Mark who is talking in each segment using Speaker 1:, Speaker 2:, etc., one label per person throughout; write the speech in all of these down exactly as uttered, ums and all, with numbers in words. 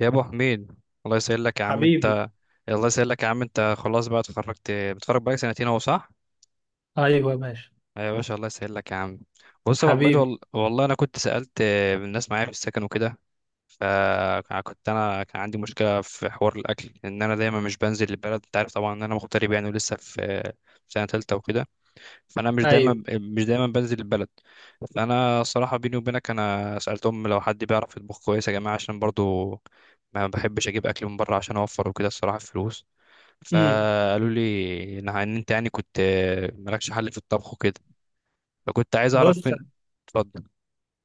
Speaker 1: يا ابو حميد، الله يسهلك يا عم
Speaker 2: حبيبي.
Speaker 1: انت. الله يسهلك يا عم انت، خلاص بقى اتخرجت، بتخرج بقالك سنتين اهو صح.
Speaker 2: ايوه ماشي.
Speaker 1: ايوه يا باشا، الله يسهلك يا عم. بص يا ابو حميد
Speaker 2: حبيبي.
Speaker 1: وال... والله انا كنت سالت الناس معايا في السكن وكده. فكنت انا كان عندي مشكله في حوار الاكل، ان انا دايما مش بنزل البلد، انت عارف طبعا ان انا مغترب يعني، ولسه في في سنه ثالثه وكده. فانا مش
Speaker 2: ايوه.
Speaker 1: دايما مش دايما بنزل البلد. فانا صراحه بيني وبينك انا سالتهم لو حد بيعرف يطبخ كويس يا جماعه، عشان برضو ما بحبش اجيب اكل من بره عشان اوفر وكده الصراحه في فلوس.
Speaker 2: امم
Speaker 1: فقالوا لي ان إن انت يعني كنت مالكش حل في الطبخ وكده. فكنت عايز اعرف
Speaker 2: بص،
Speaker 1: من. اتفضل.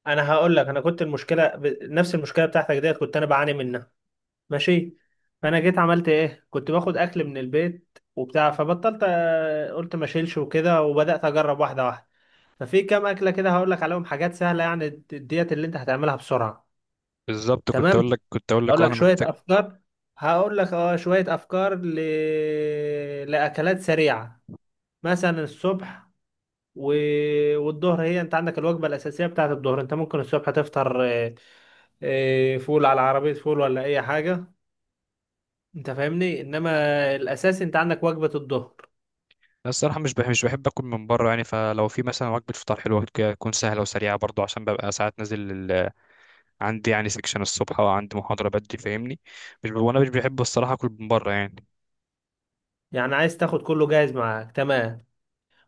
Speaker 2: انا هقول لك انا كنت المشكله ب... نفس المشكله بتاعتك ديت كنت انا بعاني منها. ماشي. فانا جيت عملت ايه، كنت باخد اكل من البيت وبتاع فبطلت، آه، قلت ما اشيلش وكده وبدات اجرب واحده واحده. ففي كام اكله كده هقول لك عليهم، حاجات سهله يعني د- ديت اللي انت هتعملها بسرعه.
Speaker 1: بالظبط، كنت اقول
Speaker 2: تمام.
Speaker 1: لك كنت اقول لك
Speaker 2: هقول
Speaker 1: اه
Speaker 2: لك
Speaker 1: انا
Speaker 2: شويه
Speaker 1: محتاج.
Speaker 2: افكار. هقول لك اه شويه افكار ل... لاكلات سريعه. مثلا الصبح و... والظهر، هي انت عندك الوجبه الاساسيه بتاعت الظهر. انت ممكن الصبح تفطر آه، آه، فول على عربيه فول ولا اي حاجه، انت فاهمني. انما الاساس انت عندك وجبه الظهر.
Speaker 1: أنا الصراحه مش بحب مش بحب اكل من بره يعني. فلو في مثلا وجبه فطار حلوه كده، تكون سهله وسريعه برضو، عشان ببقى ساعات نازل عندي يعني سكشن الصبح، وعندي محاضرة بدري فاهمني. مش ب... وانا مش بحب الصراحة اكل من بره يعني.
Speaker 2: يعني عايز تاخد كله جاهز معاك. تمام.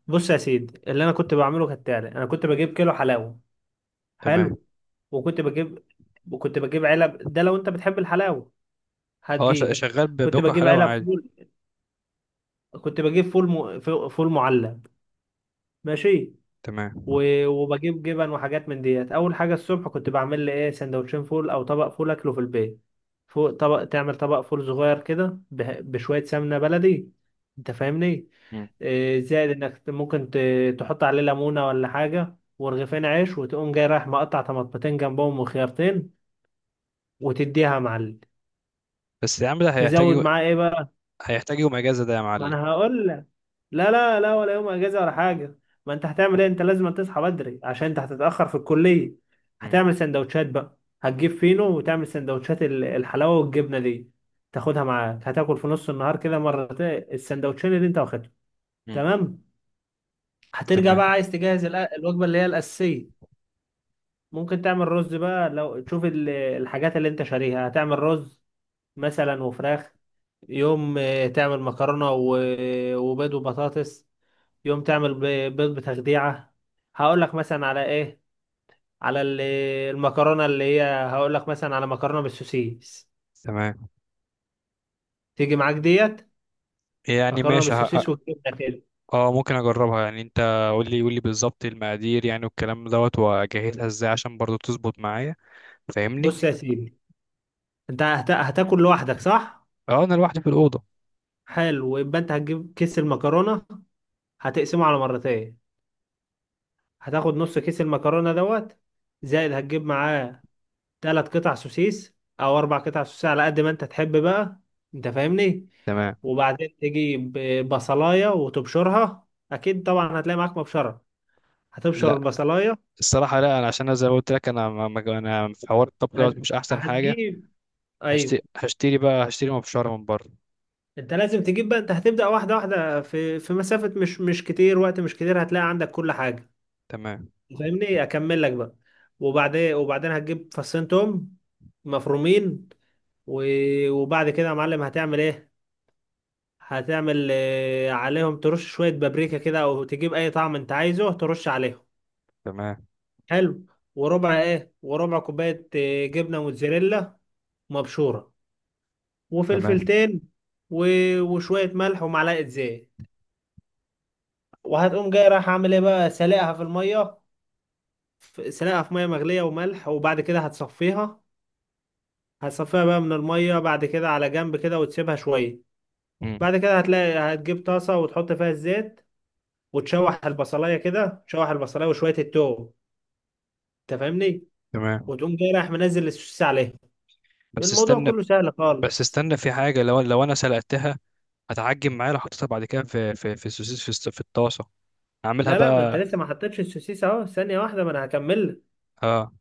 Speaker 2: بص يا سيدي، اللي انا كنت بعمله كالتالي: انا كنت بجيب كيلو حلاوه.
Speaker 1: تمام.
Speaker 2: حلو. وكنت بجيب وكنت بجيب علب، ده لو انت بتحب الحلاوه
Speaker 1: اه، ش-
Speaker 2: هتجيب.
Speaker 1: شغال ب-
Speaker 2: كنت
Speaker 1: باكل
Speaker 2: بجيب
Speaker 1: حلاوة
Speaker 2: علب
Speaker 1: عادي.
Speaker 2: فول. كنت بجيب فول م... فول معلب. ماشي.
Speaker 1: تمام.
Speaker 2: و- وبجيب جبن وحاجات من ديت. اول حاجه الصبح كنت بعمل لي ايه، سندوتشين فول او طبق فول اكله في البيت. فوق طبق تعمل طبق فول صغير كده به- بشويه سمنه بلدي، انت فاهمني.
Speaker 1: مم.
Speaker 2: إيه، زائد انك ممكن ت- تحط عليه ليمونه ولا حاجه ورغيفين عيش، وتقوم جاي رايح مقطع طماطمتين جنبهم وخيارتين وتديها يا معلم.
Speaker 1: بس يا عم ده هيحتاج
Speaker 2: تزود
Speaker 1: يو...
Speaker 2: معاه ايه بقى.
Speaker 1: هيحتاج يوم اجازة ده يا
Speaker 2: ما
Speaker 1: معلم.
Speaker 2: انا هقول لك. لا لا لا، ولا يوم اجازه ولا حاجه. ما انت هتعمل ايه، انت لازم تصحى بدري عشان انت هتتاخر في الكليه.
Speaker 1: مم.
Speaker 2: هتعمل سندوتشات بقى، هتجيب فينو وتعمل سندوتشات ال- الحلاوه والجبنه دي. تاخدها معاك، هتاكل في نص النهار كده مرتين السندوتشين اللي انت واخدهم.
Speaker 1: مم.
Speaker 2: تمام. هترجع
Speaker 1: تمام.
Speaker 2: بقى عايز تجهز الأ- الوجبه اللي هي الاساسيه. ممكن تعمل رز بقى، لو تشوف ال- الحاجات اللي انت شاريها هتعمل رز مثلا وفراخ. يوم آه، تعمل مكرونه و- وبيض وبطاطس. يوم تعمل ب- بيض بتخديعة. هقول لك مثلا على ايه، على ال- المكرونة اللي هي هقول لك مثلا على مكرونة بالسوسيس.
Speaker 1: تمام.
Speaker 2: تيجي معاك ديت،
Speaker 1: يعني
Speaker 2: مكرونة
Speaker 1: ماشي ه...
Speaker 2: بالسوسيس
Speaker 1: ه-
Speaker 2: والجبنة كده.
Speaker 1: اه ممكن اجربها يعني انت. قول لي قول لي بالظبط المقادير يعني والكلام دوت، واجهزها ازاي عشان برضو تظبط معايا. فاهمني.
Speaker 2: بص يا سيدي، انت هت- هتاكل لوحدك صح؟
Speaker 1: اه انا لوحدي في الأوضة.
Speaker 2: حلو. يبقى انت هتجيب كيس المكرونة، هتقسمه على مرتين. هتاخد نص كيس المكرونة دوت، زائد هتجيب معاه ثلاث قطع سوسيس او اربع قطع سوسيس على قد ما انت تحب بقى، انت فاهمني.
Speaker 1: تمام.
Speaker 2: وبعدين تجيب بصلايه وتبشرها، اكيد طبعا هتلاقي معاك مبشره. هتبشر
Speaker 1: لا،
Speaker 2: البصلايه.
Speaker 1: الصراحة لا، انا عشان أنا زي ما قلت لك انا ما- ما- انا في حوار الطبخ دوت
Speaker 2: هت...
Speaker 1: مش احسن حاجة.
Speaker 2: هتجيب. ايوه.
Speaker 1: هشتري هشتري بقى هشتري مبشرة من بره.
Speaker 2: انت لازم تجيب بقى، انت هتبدا واحده واحده في في مسافه مش مش كتير، وقت مش كتير هتلاقي عندك كل حاجه،
Speaker 1: تمام.
Speaker 2: فاهمني. اكمل لك بقى. وبعدين وبعدين هتجيب فصين توم مفرومين و... وبعد كده يا معلم هتعمل ايه، هتعمل آه، عليهم ترش شوية بابريكا كده أو تجيب أي طعم أنت عايزه ترش عليهم.
Speaker 1: تمام.
Speaker 2: حلو. وربع إيه، وربع كوباية آه، جبنة موتزاريلا مبشورة،
Speaker 1: تمام.
Speaker 2: وفلفلتين و... وشوية ملح، ومعلقة زيت. وهتقوم جاي رايح عامل إيه بقى، سلقها في المية. ف- سلقها في مية مغلية وملح، وبعد كده هتصفيها. هتصفيها بقى من المية بعد كده على جنب كده وتسيبها شوية.
Speaker 1: مم.
Speaker 2: بعد كده هتلاقي هتجيب طاسة وتحط فيها الزيت، وتشوح البصلاية كده، تشوح البصلاية وشوية التوم، انت فاهمني.
Speaker 1: تمام.
Speaker 2: وتقوم جاي رايح منزل السوسيس عليها.
Speaker 1: بس
Speaker 2: الموضوع
Speaker 1: استنى.
Speaker 2: كله سهل
Speaker 1: بس
Speaker 2: خالص.
Speaker 1: استنى، في حاجة، لو لو انا سلقتها هتعجن معايا لو حطيتها بعد كده في في في السوسيس في, الس- في الطاسة. اعملها
Speaker 2: لا لا، ما انت
Speaker 1: بقى.
Speaker 2: لسه ما حطيتش السوسيس، اهو ثانيه واحده ما انا هكمل لك.
Speaker 1: اه.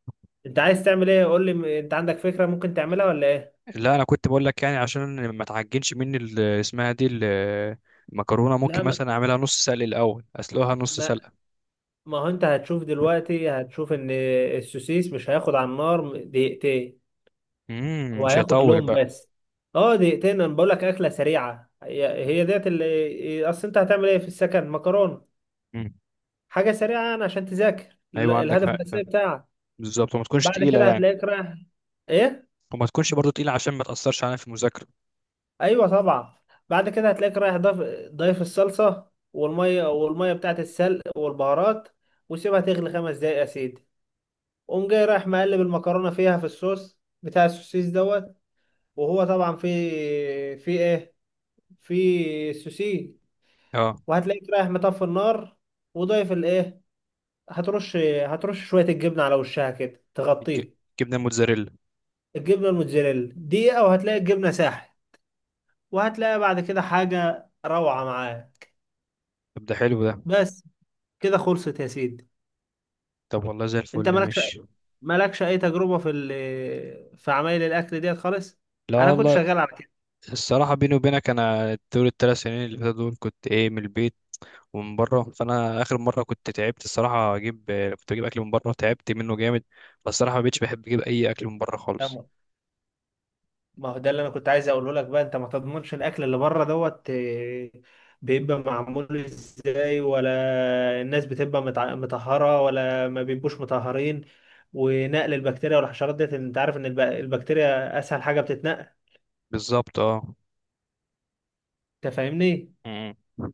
Speaker 2: انت عايز تعمل ايه قول لي، م- انت عندك فكره ممكن تعملها ولا ايه.
Speaker 1: لا، انا كنت بقول لك يعني عشان ما تعجنش مني ال- اسمها دي ال- المكرونة،
Speaker 2: لا
Speaker 1: ممكن
Speaker 2: ما
Speaker 1: مثلا اعملها نص سلق الاول، اسلقها نص
Speaker 2: ما
Speaker 1: سلقة.
Speaker 2: ما هو انت هتشوف دلوقتي هتشوف ان السوسيس مش هياخد على النار دقيقتين.
Speaker 1: امم،
Speaker 2: هو
Speaker 1: مش
Speaker 2: هياخد
Speaker 1: هيطول
Speaker 2: لون
Speaker 1: بقى.
Speaker 2: بس. اه دقيقتين، انا بقول لك اكله سريعه هي هي ديت، اللي اصل انت هتعمل ايه في السكن، مكرونه
Speaker 1: امم.
Speaker 2: حاجه سريعه يعني عشان تذاكر ال-
Speaker 1: ايوه، عندك
Speaker 2: الهدف
Speaker 1: حق فاهم.
Speaker 2: الاساسي بتاعك.
Speaker 1: بالظبط، وما تكونش
Speaker 2: بعد
Speaker 1: تقيلة
Speaker 2: كده
Speaker 1: يعني.
Speaker 2: هتلاقيك رايح ايه.
Speaker 1: وما تكونش برضو تقيلة عشان ما تأثرش علينا في المذاكرة.
Speaker 2: ايوه طبعا. بعد كده هتلاقيك رايح، ضيف ضيف الصلصه والميه والميه بتاعت السلق والبهارات، وسيبها تغلي خمس دقايق يا سيدي. قوم جاي رايح مقلب المكرونه فيها في الصوص بتاع السوسيس دوت. وهو طبعا في في ايه في سوسيس.
Speaker 1: اه.
Speaker 2: وهتلاقيك رايح مطفي النار، وضيف الايه، هترش هترش شويه الجبنه على وشها كده
Speaker 1: الج-
Speaker 2: تغطيه.
Speaker 1: جبنه الموتزاريلا.
Speaker 2: الجبنه الموتزاريلا دقيقه، وهتلاقي الجبنه ساحت. وهتلاقي بعد كده حاجة روعة معاه.
Speaker 1: طب ده حلو ده.
Speaker 2: بس كده خلصت يا سيدي.
Speaker 1: طب والله زي
Speaker 2: انت
Speaker 1: الفل،
Speaker 2: مالكش
Speaker 1: ماشي.
Speaker 2: مالكش اي تجربة في ال... في عمايل الاكل ديت خالص.
Speaker 1: لا
Speaker 2: انا كنت
Speaker 1: والله.
Speaker 2: شغال على كده.
Speaker 1: الصراحه بيني وبينك انا طول الثلاث سنين اللي فاتوا دول كنت ايه من البيت ومن بره، فانا اخر مره كنت تعبت الصراحه اجيب، كنت اجيب اكل من بره، تعبت منه جامد. بس الصراحه ما بقتش بحب اجيب اي اكل من بره خالص.
Speaker 2: تمام. ما هو ده اللي انا كنت عايز اقوله لك بقى، انت ما تضمنش الاكل اللي بره دوت، آه، بيبقى معمول ازاي، ولا الناس بتبقى متع- مطهرة ولا ما بيبقوش مطهرين. ونقل البكتيريا والحشرات ديت، انت عارف ان الب- البكتيريا اسهل حاجة بتتنقل،
Speaker 1: بالظبط اه.
Speaker 2: انت فاهمني.
Speaker 1: م-. م.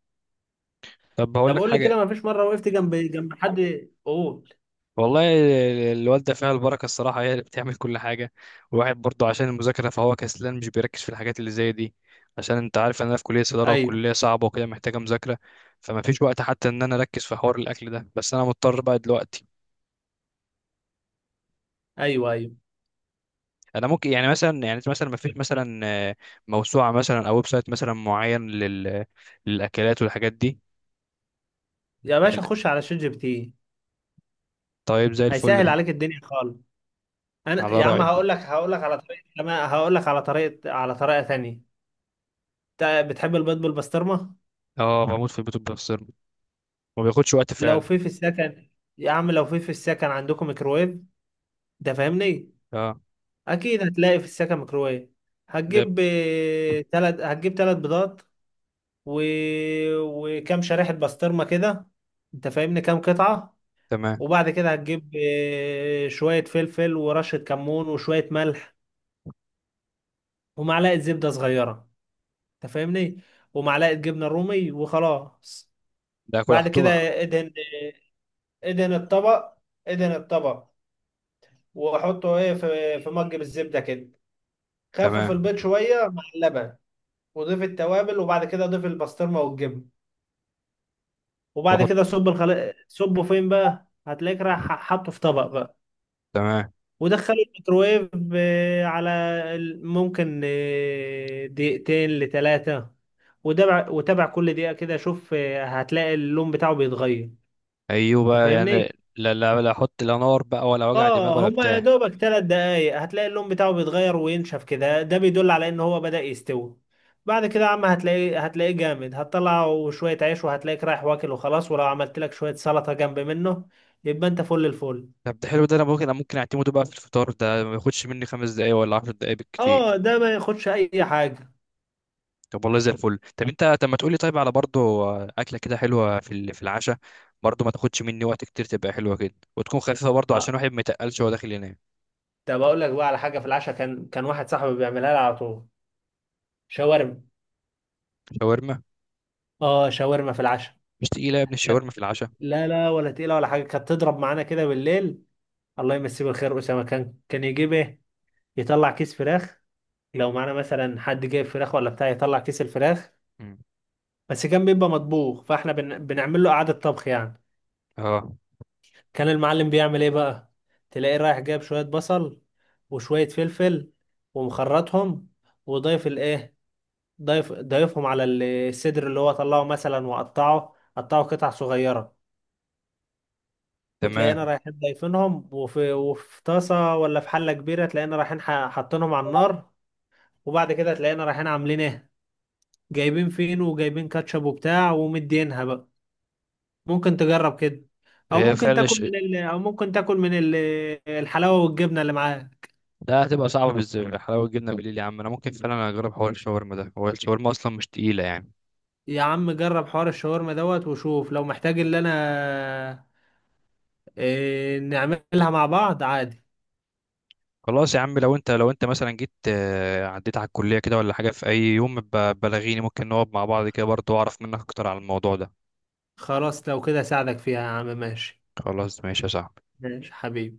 Speaker 1: طب هقول
Speaker 2: طب
Speaker 1: لك
Speaker 2: قول لي
Speaker 1: حاجه.
Speaker 2: كده، ما فيش مره وقفت جنب جنب حد قول.
Speaker 1: والله الوالدة فيها البركة الصراحة، هي اللي بتعمل كل حاجة. والواحد برضه عشان المذاكرة فهو كسلان، مش بيركز في الحاجات اللي زي دي. عشان انت عارف ان انا في كلية صيدلة،
Speaker 2: ايوه
Speaker 1: وكلية صعبة وكده محتاجة مذاكرة. فما فيش وقت حتى ان انا اركز في حوار الاكل ده، بس انا مضطر بقى دلوقتي.
Speaker 2: ايوه ايوه.
Speaker 1: انا ممكن يعني مثلا، يعني مثلا، ما فيش مثلا آه، موسوعة مثلا او ويب سايت مثلا معين لل... للاكلات والحاجات دي.
Speaker 2: يا باشا خش على شات جي بي تي،
Speaker 1: طيب زي الفل
Speaker 2: هيسهل
Speaker 1: ده.
Speaker 2: عليك الدنيا خالص. انا
Speaker 1: على
Speaker 2: يا عم
Speaker 1: رأيك.
Speaker 2: هقول لك هقول لك على طريقه كمان. هقول لك على طريقه، على طريقه ثانيه. انت بتحب البيض بالبسطرمه؟
Speaker 1: اه بموت في البيت بالبسطرمة. ما بياخدش وقت
Speaker 2: لو
Speaker 1: فعلا.
Speaker 2: في في السكن، يا عم لو في في السكن عندكم ميكروويف ده، فاهمني.
Speaker 1: اه.
Speaker 2: اكيد هتلاقي في السكن ميكروويف.
Speaker 1: ده
Speaker 2: هتجيب ثلاث، هتجيب ثلاث بيضات و... وكم شريحه بسطرمه كده، انت فاهمني، كام قطعه.
Speaker 1: تمام.
Speaker 2: وبعد كده هتجيب آه، شوية فلفل ورشة كمون وشوية ملح، ومعلقة زبدة صغيرة، انت فاهمني، ومعلقة جبنة رومي وخلاص.
Speaker 1: ده كل
Speaker 2: بعد
Speaker 1: احطه
Speaker 2: كده
Speaker 1: بقى.
Speaker 2: ادهن، ادهن الطبق، ادهن الطبق، وحطه ايه في في مج بالزبدة كده. خفف
Speaker 1: تمام.
Speaker 2: البيض شوية مع اللبن، وضيف التوابل، وبعد كده ضيف البسطرمة والجبن. وبعد
Speaker 1: واحط.
Speaker 2: كده صب الخل... صبه فين بقى، هتلاقيك رايح حاطه في طبق بقى.
Speaker 1: تمام.
Speaker 2: ودخلوا الميكروويف آه، على ال- ممكن آه، دقيقتين لثلاثة. وتابع وتابع كل دقيقة كده، شوف آه، هتلاقي اللون بتاعه بيتغير،
Speaker 1: ايوه
Speaker 2: انت
Speaker 1: بقى
Speaker 2: فاهمني؟
Speaker 1: يعني، لا لا لا، احط لا نار بقى ولا وجع دماغ
Speaker 2: اه
Speaker 1: ولا
Speaker 2: هما يا
Speaker 1: بتاع.
Speaker 2: دوبك ثلاث دقايق هتلاقي اللون بتاعه بيتغير وينشف كده، ده بيدل على ان هو بدأ يستوي. بعد كده يا عم هتلاقيه هتلاقيه جامد، هتطلعه شوية عيش وهتلاقيك رايح واكل وخلاص، ولو عملت لك شوية سلطة جنب منه يبقى انت فل الفل.
Speaker 1: طب ده حلو ده، انا ممكن، أنا ممكن اعتمده بقى في الفطار ده، ما ياخدش مني خمس دقايق ولا عشر دقايق بالكتير.
Speaker 2: اه ده ما ياخدش اي حاجة.
Speaker 1: طب والله زي الفل. طب انت طب ما تقولي طيب على برضه اكله كده حلوه في ال- في العشاء، برضه ما تاخدش مني وقت كتير، تبقى حلوه كده وتكون خفيفه برضه عشان واحد ما يتقلش وهو داخل ينام.
Speaker 2: ده بقول لك بقى على حاجه في العشاء، كان كان واحد صاحبي بيعملها لي على طول: شاورما.
Speaker 1: شاورما.
Speaker 2: اه شاورما في العشاء.
Speaker 1: مش تقيله يا ابني
Speaker 2: كانت
Speaker 1: الشاورما في العشاء؟
Speaker 2: لا لا ولا تقيله ولا حاجه، كانت تضرب معانا كده بالليل. الله يمسيه بالخير اسامه، كان كان يجيب ايه، يطلع كيس فراخ، لو معانا مثلا حد جايب فراخ ولا بتاع يطلع كيس الفراخ.
Speaker 1: مم.
Speaker 2: بس كان بيبقى مطبوخ، فاحنا بن... بنعمل له قعده طبخ يعني.
Speaker 1: اه.
Speaker 2: كان المعلم بيعمل ايه بقى، تلاقيه رايح جايب شويه بصل وشويه فلفل ومخرطهم، وضايف الايه، ضيف ضيفهم على الصدر اللي هو طلعه مثلا وقطعه قطعه قطع صغيرة، وتلاقينا
Speaker 1: تمام.
Speaker 2: رايحين ضايفينهم، وفي وفي طاسة ولا في حلة كبيرة، تلاقينا رايحين ح- حاطينهم على النار. وبعد كده تلاقينا رايحين عاملين ايه، جايبين فينو وجايبين كاتشب وبتاع ومدينها بقى. ممكن تجرب كده. او
Speaker 1: هي
Speaker 2: ممكن
Speaker 1: فعلا
Speaker 2: تاكل من ال... او ممكن تاكل من ال... الحلاوة والجبنة اللي معاك.
Speaker 1: ده هتبقى صعبة بالذات حلاوة الجبنة بالليل يا عم، انا ممكن فعلا اجرب حوار الشاورما ده، هو الشاورما اصلا مش تقيلة يعني.
Speaker 2: يا عم جرب حوار الشاورما دوت وشوف، لو محتاج اللي انا إيه، نعملها مع بعض عادي.
Speaker 1: خلاص يا عم، لو انت، لو انت مثلا جيت آه، عديت على الكلية كده ولا حاجة في اي يوم، ب- بلغيني، ممكن نقعد مع بعض كده برضه واعرف منك اكتر على الموضوع ده.
Speaker 2: خلاص، لو كده اساعدك فيها يا عم، ماشي.
Speaker 1: خلاص ماشي يا صاحبي.
Speaker 2: ماشي حبيبي.